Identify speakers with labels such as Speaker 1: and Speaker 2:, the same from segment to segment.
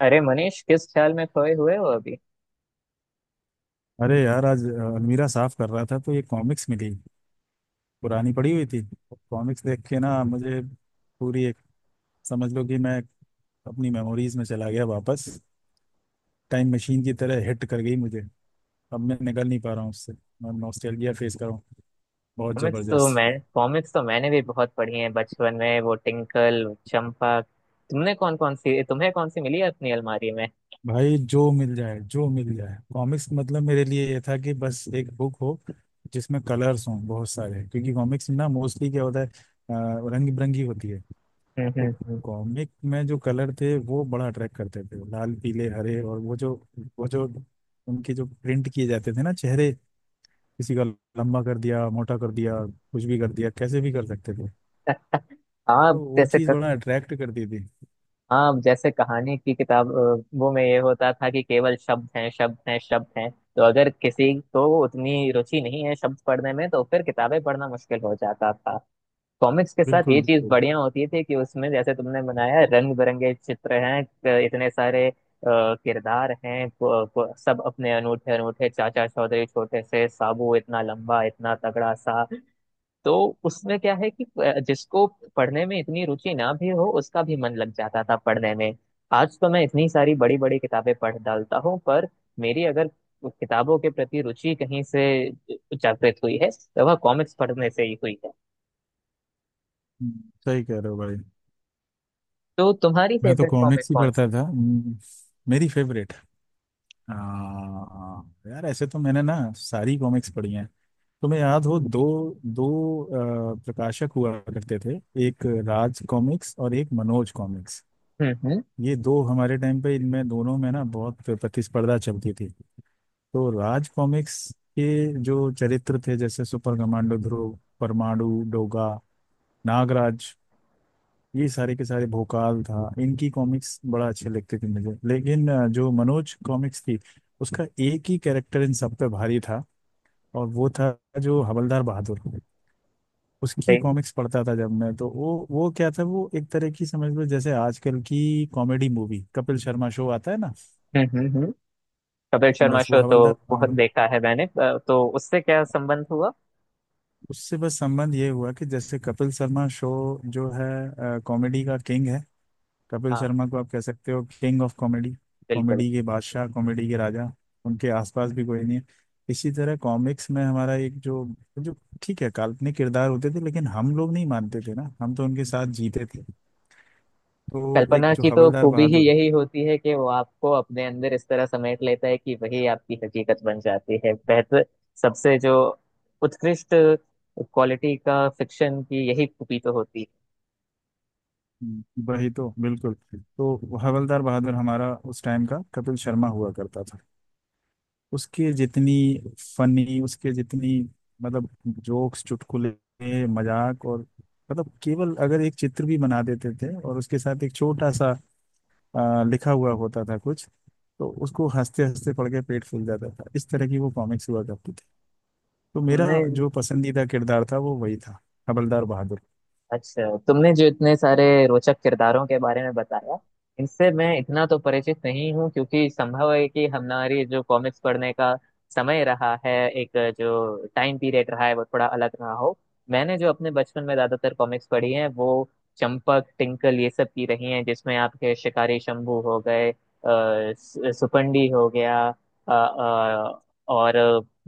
Speaker 1: अरे मनीष किस ख्याल में खोए हुए हो अभी।
Speaker 2: अरे यार आज अलमीरा साफ कर रहा था तो ये कॉमिक्स मिली। पुरानी पड़ी हुई थी। कॉमिक्स देख के ना मुझे पूरी एक समझ लो कि मैं अपनी मेमोरीज में चला गया वापस। टाइम मशीन की तरह हिट कर गई मुझे। अब मैं निकल नहीं पा रहा हूँ उससे। मैं नॉस्टैल्जिया फेस कर रहा हूँ। बहुत
Speaker 1: कॉमिक्स तो मैं
Speaker 2: जबरदस्त।
Speaker 1: कॉमिक्स तो मैंने भी बहुत पढ़ी है बचपन में, वो टिंकल चंपक। तुमने कौन कौन सी तुम्हें कौन सी मिली है अपनी अलमारी में?
Speaker 2: भाई जो मिल जाए कॉमिक्स मतलब मेरे लिए ये था कि बस एक बुक हो, जिसमें कलर्स हों बहुत सारे, क्योंकि कॉमिक्स ना मोस्टली क्या होता है, रंग बिरंगी होती है।
Speaker 1: हम्म
Speaker 2: तो
Speaker 1: हम्म हम्म।
Speaker 2: कॉमिक में जो कलर थे वो बड़ा अट्रैक्ट करते थे, लाल पीले हरे, और वो जो उनके जो प्रिंट किए जाते थे ना चेहरे, किसी का लंबा कर दिया मोटा कर दिया कुछ भी कर दिया कैसे भी कर सकते थे। तो
Speaker 1: आप
Speaker 2: वो
Speaker 1: जैसे
Speaker 2: चीज़
Speaker 1: क-
Speaker 2: बड़ा अट्रैक्ट करती थी।
Speaker 1: आप जैसे कहानी की किताब, वो में ये होता था कि केवल शब्द हैं, शब्द हैं, शब्द हैं, तो अगर किसी को उतनी रुचि नहीं है शब्द पढ़ने में, तो फिर किताबें पढ़ना मुश्किल हो जाता था। कॉमिक्स के साथ
Speaker 2: बिल्कुल
Speaker 1: ये चीज
Speaker 2: बिल्कुल।
Speaker 1: बढ़िया होती थी कि उसमें, जैसे तुमने बनाया, रंग बिरंगे चित्र हैं, इतने सारे किरदार हैं, सब अपने अनूठे अनूठे, चाचा चौधरी छोटे से, साबू इतना लंबा इतना तगड़ा सा। तो उसमें क्या है कि जिसको पढ़ने में इतनी रुचि ना भी हो, उसका भी मन लग जाता था पढ़ने में। आज तो मैं इतनी सारी बड़ी बड़ी किताबें पढ़ डालता हूँ, पर मेरी अगर किताबों के प्रति रुचि कहीं से जागृत हुई है, तो वह कॉमिक्स पढ़ने से ही हुई है।
Speaker 2: सही कह रहे हो भाई।
Speaker 1: तो तुम्हारी
Speaker 2: मैं तो
Speaker 1: फेवरेट कॉमिक
Speaker 2: कॉमिक्स ही
Speaker 1: कौन
Speaker 2: पढ़ता
Speaker 1: सी?
Speaker 2: था। मेरी फेवरेट आ, यार ऐसे तो मैंने ना सारी कॉमिक्स पढ़ी हैं। तुम्हें याद हो दो दो प्रकाशक हुआ करते थे, एक राज कॉमिक्स और एक मनोज कॉमिक्स।
Speaker 1: हम्म,
Speaker 2: ये दो हमारे टाइम पे इनमें दोनों में ना बहुत प्रतिस्पर्धा चलती थी। तो राज कॉमिक्स के जो चरित्र थे जैसे सुपर कमांडो ध्रुव, परमाणु, डोगा, नागराज, ये सारे के सारे भोकाल था, इनकी कॉमिक्स बड़ा अच्छे लगते थे मुझे, लेकिन जो मनोज कॉमिक्स थी, उसका एक ही कैरेक्टर इन सब पे भारी था, और वो था जो हवलदार बहादुर। उसकी
Speaker 1: सही।
Speaker 2: कॉमिक्स पढ़ता था जब मैं, तो वो क्या था, वो एक तरह की समझ लो जैसे आजकल की comedy movie Kapil Sharma show आता है ना,
Speaker 1: हम्म। कपिल शर्मा
Speaker 2: बस वो
Speaker 1: शो तो
Speaker 2: हवलदार
Speaker 1: बहुत
Speaker 2: पाल।
Speaker 1: देखा है मैंने। तो उससे क्या संबंध हुआ?
Speaker 2: उससे बस संबंध ये हुआ कि जैसे कपिल शर्मा शो जो है कॉमेडी का किंग है, कपिल
Speaker 1: हाँ,
Speaker 2: शर्मा को आप कह सकते हो किंग ऑफ कॉमेडी,
Speaker 1: बिल्कुल।
Speaker 2: कॉमेडी के बादशाह, कॉमेडी के राजा, उनके आसपास भी कोई नहीं है। इसी तरह कॉमिक्स में हमारा एक जो जो ठीक है काल्पनिक किरदार होते थे, लेकिन हम लोग नहीं मानते थे ना, हम तो उनके साथ जीते थे। तो एक
Speaker 1: कल्पना
Speaker 2: जो
Speaker 1: की तो
Speaker 2: हवलदार
Speaker 1: खूबी ही
Speaker 2: बहादुर।
Speaker 1: यही होती है कि वो आपको अपने अंदर इस तरह समेट लेता है कि वही आपकी हकीकत बन जाती है। बेहतर सबसे जो उत्कृष्ट क्वालिटी का फिक्शन, की यही खूबी तो होती है।
Speaker 2: वही तो बिल्कुल। तो हवलदार बहादुर हमारा उस टाइम का कपिल शर्मा हुआ करता था। उसके जितनी फनी, उसके जितनी मतलब जोक्स चुटकुले मजाक, और मतलब केवल अगर एक चित्र भी बना देते थे और उसके साथ एक छोटा सा लिखा हुआ होता था कुछ, तो उसको हंसते हंसते पढ़ के पेट फूल जाता था, इस तरह की वो कॉमिक्स हुआ करती थी। तो मेरा
Speaker 1: तुमने
Speaker 2: जो पसंदीदा किरदार था वो वही था, हवलदार बहादुर।
Speaker 1: अच्छा, तुमने जो इतने सारे रोचक किरदारों के बारे में बताया, इनसे मैं इतना तो परिचित नहीं हूँ, क्योंकि संभव है कि हमारी जो कॉमिक्स पढ़ने का समय रहा है, एक जो टाइम पीरियड रहा है, वो थोड़ा अलग रहा हो। मैंने जो अपने बचपन में ज्यादातर कॉमिक्स पढ़ी हैं, वो चंपक टिंकल ये सब की रही हैं, जिसमें आपके शिकारी शंभू हो गए, सुपंडी हो गया, अ, अ, और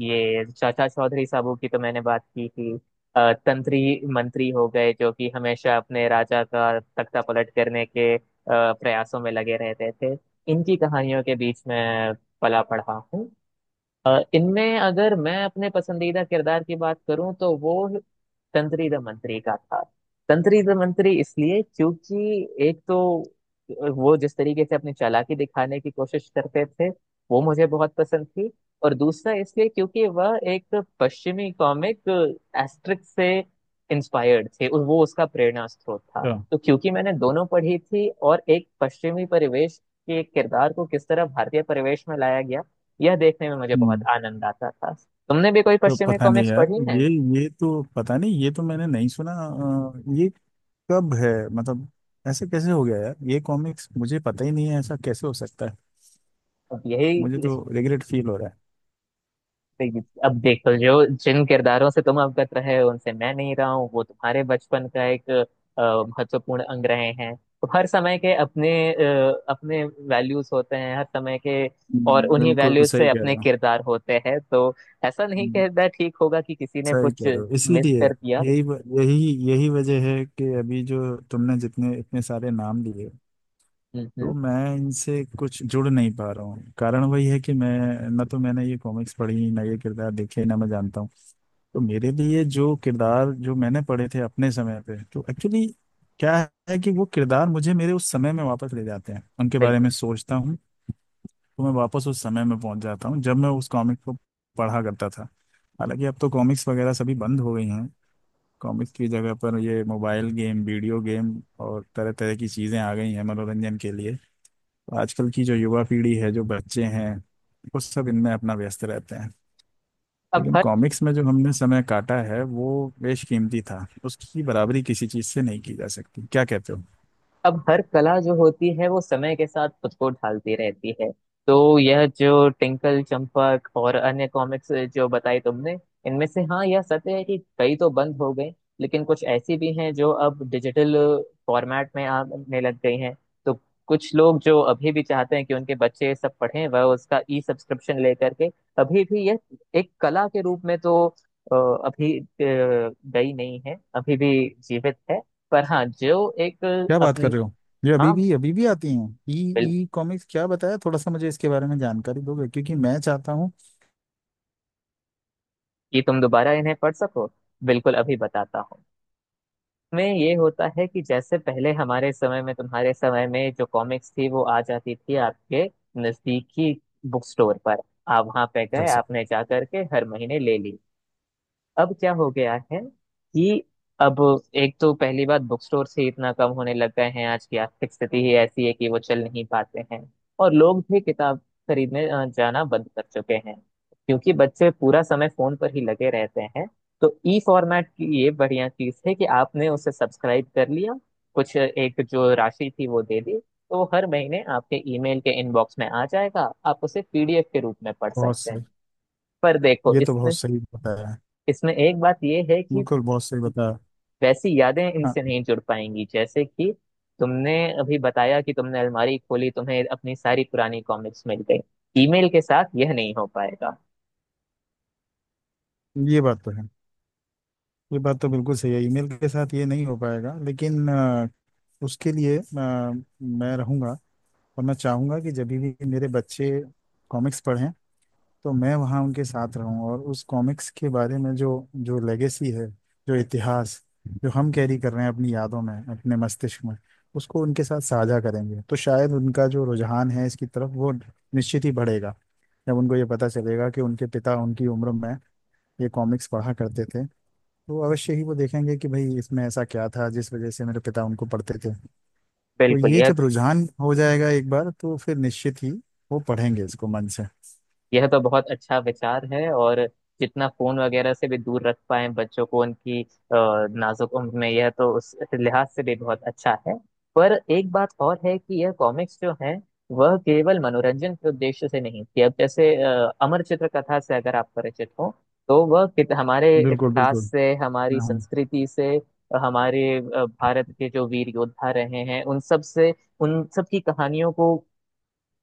Speaker 1: ये चाचा चौधरी साहब की तो मैंने बात की थी। तंत्री मंत्री हो गए, जो कि हमेशा अपने राजा का तख्ता पलट करने के प्रयासों में लगे रहते थे। इनकी कहानियों के बीच में पला पढ़ा हूँ। इनमें अगर मैं अपने पसंदीदा किरदार की बात करूं, तो वो तंत्री द मंत्री का था। तंत्री द मंत्री इसलिए, क्योंकि एक तो वो जिस तरीके से अपनी चालाकी दिखाने की कोशिश करते थे, वो मुझे बहुत पसंद थी। और दूसरा इसलिए क्योंकि वह एक पश्चिमी कॉमिक एस्ट्रिक से इंस्पायर्ड थे, और वो उसका प्रेरणा स्रोत था।
Speaker 2: अच्छा।
Speaker 1: तो क्योंकि मैंने दोनों पढ़ी थी, और एक पश्चिमी परिवेश के किरदार को किस तरह भारतीय परिवेश में लाया गया, यह देखने में मुझे बहुत
Speaker 2: हम्म,
Speaker 1: आनंद आता था। तुमने भी कोई
Speaker 2: तो
Speaker 1: पश्चिमी
Speaker 2: पता नहीं
Speaker 1: कॉमिक्स
Speaker 2: यार
Speaker 1: पढ़ी है?
Speaker 2: ये ये तो पता नहीं, ये तो मैंने नहीं सुना। ये कब है मतलब, ऐसे कैसे हो गया यार, ये कॉमिक्स मुझे पता ही नहीं है, ऐसा कैसे हो सकता है।
Speaker 1: अब यही
Speaker 2: मुझे तो
Speaker 1: इस
Speaker 2: रिग्रेट फील हो रहा है।
Speaker 1: अब देखो, जो जिन किरदारों से तुम अवगत रहे हो, उनसे मैं नहीं रहा हूँ, वो तुम्हारे बचपन का एक महत्वपूर्ण अंग रहे हैं। तो हर समय के अपने अपने वैल्यूज होते हैं हर समय के। और उन्हीं
Speaker 2: बिल्कुल
Speaker 1: वैल्यूज से
Speaker 2: सही कह
Speaker 1: अपने
Speaker 2: रहे हो।
Speaker 1: किरदार होते हैं। तो ऐसा नहीं
Speaker 2: हम्म,
Speaker 1: कहना ठीक होगा कि किसी ने
Speaker 2: सही
Speaker 1: कुछ
Speaker 2: कह रहे हो,
Speaker 1: मिस
Speaker 2: इसीलिए
Speaker 1: कर दिया।
Speaker 2: यही यही वजह है कि अभी जो तुमने जितने इतने सारे नाम लिए,
Speaker 1: हम्म
Speaker 2: तो
Speaker 1: हम्म,
Speaker 2: मैं इनसे कुछ जुड़ नहीं पा रहा हूँ। कारण वही है कि मैं ना, तो मैंने ये कॉमिक्स पढ़ी ना ये किरदार देखे ना मैं जानता हूँ। तो मेरे लिए जो किरदार जो मैंने पढ़े थे अपने समय पे, तो एक्चुअली क्या है कि वो किरदार मुझे मेरे उस समय में वापस ले जाते हैं, उनके बारे में
Speaker 1: बिल्कुल।
Speaker 2: सोचता हूँ तो मैं वापस उस समय में पहुंच जाता हूँ जब मैं उस कॉमिक को पढ़ा करता था। हालांकि अब तो कॉमिक्स वगैरह सभी बंद हो गई हैं। कॉमिक्स की जगह पर ये मोबाइल गेम, वीडियो गेम, और तरह तरह की चीज़ें आ गई हैं मनोरंजन के लिए। तो आजकल की जो युवा पीढ़ी है, जो बच्चे हैं, वो सब इनमें अपना व्यस्त रहते हैं।
Speaker 1: अब
Speaker 2: लेकिन
Speaker 1: हर
Speaker 2: कॉमिक्स में जो हमने समय काटा है वो बेशकीमती था, उसकी बराबरी किसी चीज से नहीं की जा सकती, क्या कहते हो।
Speaker 1: अब हर कला जो होती है, वो समय के साथ खुद को ढालती रहती है। तो यह जो टिंकल चंपक और अन्य कॉमिक्स जो बताई तुमने, इनमें से हाँ, यह सत्य है कि कई तो बंद हो गई, लेकिन कुछ ऐसी भी हैं जो अब डिजिटल फॉर्मेट में आने लग गई हैं। तो कुछ लोग जो अभी भी चाहते हैं कि उनके बच्चे ये सब पढ़ें, वह उसका ई सब्सक्रिप्शन लेकर के अभी भी यह एक कला के रूप में तो अभी गई नहीं है, अभी भी जीवित है। पर हाँ, जो एक
Speaker 2: क्या बात कर रहे हो, ये अभी
Speaker 1: हाँ
Speaker 2: भी, अभी भी आती हैं ई।
Speaker 1: बिल्कुल,
Speaker 2: ई कॉमिक्स क्या बताया, थोड़ा सा मुझे इसके बारे में जानकारी दोगे क्योंकि मैं चाहता हूँ
Speaker 1: कि तुम दोबारा इन्हें पढ़ सको, बिल्कुल अभी बताता हूँ। में ये होता है कि जैसे पहले हमारे समय में, तुम्हारे समय में जो कॉमिक्स थी, वो आ जाती थी आपके नजदीकी बुक स्टोर पर। आप वहां पे
Speaker 2: कर
Speaker 1: गए,
Speaker 2: सकते।
Speaker 1: आपने जा करके हर महीने ले ली। अब क्या हो गया है कि अब एक तो पहली बात, बुक स्टोर से इतना कम होने लग गए हैं, आज की आर्थिक स्थिति ही ऐसी है कि वो चल नहीं पाते हैं। और लोग भी किताब खरीदने जाना बंद कर चुके हैं, क्योंकि बच्चे पूरा समय फोन पर ही लगे रहते हैं। तो ई फॉर्मेट की ये बढ़िया चीज है कि आपने उसे सब्सक्राइब कर लिया, कुछ एक जो राशि थी वो दे दी, तो वो हर महीने आपके ईमेल के इनबॉक्स में आ जाएगा, आप उसे पीडीएफ के रूप में पढ़
Speaker 2: बहुत
Speaker 1: सकते
Speaker 2: सही।
Speaker 1: हैं। पर देखो
Speaker 2: ये तो
Speaker 1: इसमें,
Speaker 2: बहुत सही बताया है।
Speaker 1: इसमें एक बात ये है कि
Speaker 2: बिल्कुल बहुत सही बताया।
Speaker 1: वैसी यादें
Speaker 2: हाँ,
Speaker 1: इनसे नहीं जुड़ पाएंगी, जैसे कि तुमने अभी बताया कि तुमने अलमारी खोली, तुम्हें अपनी सारी पुरानी कॉमिक्स मिल गई। ईमेल के साथ यह नहीं हो पाएगा।
Speaker 2: ये बात तो है। ये बात तो बिल्कुल सही है, ईमेल के साथ ये नहीं हो पाएगा, लेकिन उसके लिए मैं रहूंगा। और मैं चाहूंगा कि जब भी मेरे बच्चे कॉमिक्स पढ़ें, तो मैं वहाँ उनके साथ रहूँ, और उस कॉमिक्स के बारे में जो जो लेगेसी है, जो इतिहास जो हम कैरी कर रहे हैं अपनी यादों में, अपने मस्तिष्क में, उसको उनके साथ साझा करेंगे। तो शायद उनका जो रुझान है इसकी तरफ वो निश्चित ही बढ़ेगा। जब उनको ये पता चलेगा कि उनके पिता उनकी उम्र में ये कॉमिक्स पढ़ा करते थे, तो अवश्य ही वो देखेंगे कि भाई इसमें ऐसा क्या था जिस वजह से मेरे पिता उनको पढ़ते थे। तो
Speaker 1: बिल्कुल
Speaker 2: ये जब रुझान हो जाएगा एक बार, तो फिर निश्चित ही वो पढ़ेंगे इसको मन से।
Speaker 1: यह तो बहुत अच्छा विचार है। और जितना फोन वगैरह से भी दूर रख पाए बच्चों को उनकी नाजुक उम्र में, यह तो उस लिहाज से भी बहुत अच्छा है। पर एक बात और है कि यह कॉमिक्स जो है, वह केवल मनोरंजन के उद्देश्य से नहीं थी। अब जैसे अमर चित्र कथा से अगर आप परिचित हो, तो वह हमारे
Speaker 2: बिल्कुल
Speaker 1: इतिहास
Speaker 2: बिल्कुल,
Speaker 1: से, हमारी
Speaker 2: मैं हूँ।
Speaker 1: संस्कृति से, हमारे भारत के जो वीर योद्धा रहे हैं उन सब से, उन सब की कहानियों को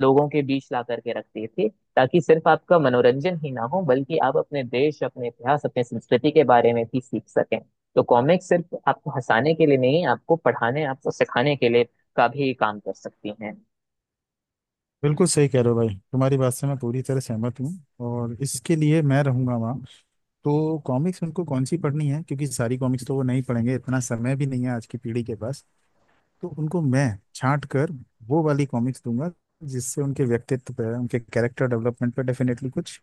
Speaker 1: लोगों के बीच ला करके रखते थे, ताकि सिर्फ आपका मनोरंजन ही ना हो, बल्कि आप अपने देश, अपने इतिहास, अपने संस्कृति के बारे में भी सीख सकें। तो कॉमिक्स सिर्फ आपको हंसाने के लिए नहीं, आपको पढ़ाने, आपको सिखाने के लिए का भी काम कर सकती हैं।
Speaker 2: बिल्कुल सही कह रहे हो भाई, तुम्हारी बात से मैं पूरी तरह सहमत हूँ, और इसके लिए मैं रहूंगा वहाँ। तो कॉमिक्स उनको कौन सी पढ़नी है, क्योंकि सारी कॉमिक्स तो वो नहीं पढ़ेंगे, इतना समय भी नहीं है आज की पीढ़ी के पास। तो उनको मैं छांट कर वो वाली कॉमिक्स दूंगा जिससे उनके व्यक्तित्व पर, उनके कैरेक्टर डेवलपमेंट पर डेफिनेटली कुछ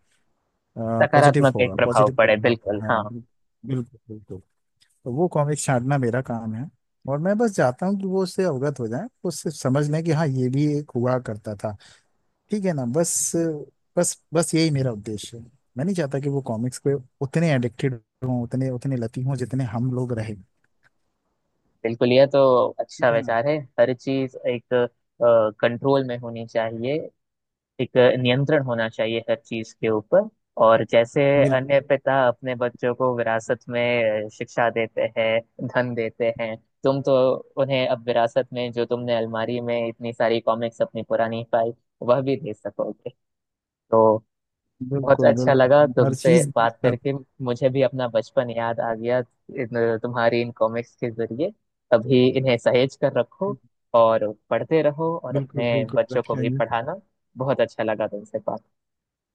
Speaker 2: पॉजिटिव
Speaker 1: सकारात्मक एक
Speaker 2: होगा,
Speaker 1: प्रभाव
Speaker 2: पॉजिटिव
Speaker 1: पड़े,
Speaker 2: प्रभाव पड़ा।
Speaker 1: बिल्कुल
Speaker 2: हाँ
Speaker 1: हाँ।
Speaker 2: बिल्कुल। बिल्कुल बिल्कुल। तो वो कॉमिक्स छांटना मेरा काम है, और मैं बस चाहता हूँ कि वो उससे अवगत हो जाए, उससे समझ लें कि हाँ ये भी एक हुआ करता था, ठीक है ना, बस, बस यही मेरा उद्देश्य है। मैं नहीं चाहता कि वो कॉमिक्स पे उतने एडिक्टेड हों, उतने उतने लती हों जितने हम लोग रहे।
Speaker 1: बिल्कुल, यह तो अच्छा
Speaker 2: ठीक है ना।
Speaker 1: विचार है। हर चीज एक कंट्रोल में होनी चाहिए, एक नियंत्रण होना चाहिए हर चीज के ऊपर। और जैसे
Speaker 2: बिल्कुल
Speaker 1: अन्य पिता अपने बच्चों को विरासत में शिक्षा देते हैं, धन देते हैं, तुम तो उन्हें अब विरासत में, जो तुमने अलमारी में इतनी सारी कॉमिक्स अपनी पुरानी पाई, वह भी दे सकोगे। तो बहुत
Speaker 2: बिल्कुल।
Speaker 1: अच्छा लगा
Speaker 2: बिल्कुल हर
Speaker 1: तुमसे
Speaker 2: चीज।
Speaker 1: बात करके, मुझे भी अपना बचपन याद आ गया तुम्हारी इन कॉमिक्स के जरिए। अभी इन्हें सहेज कर रखो, और पढ़ते रहो, और
Speaker 2: बिल्कुल
Speaker 1: अपने
Speaker 2: बिल्कुल
Speaker 1: बच्चों को भी
Speaker 2: रखेंगे।
Speaker 1: पढ़ाना। बहुत अच्छा लगा तुमसे बात।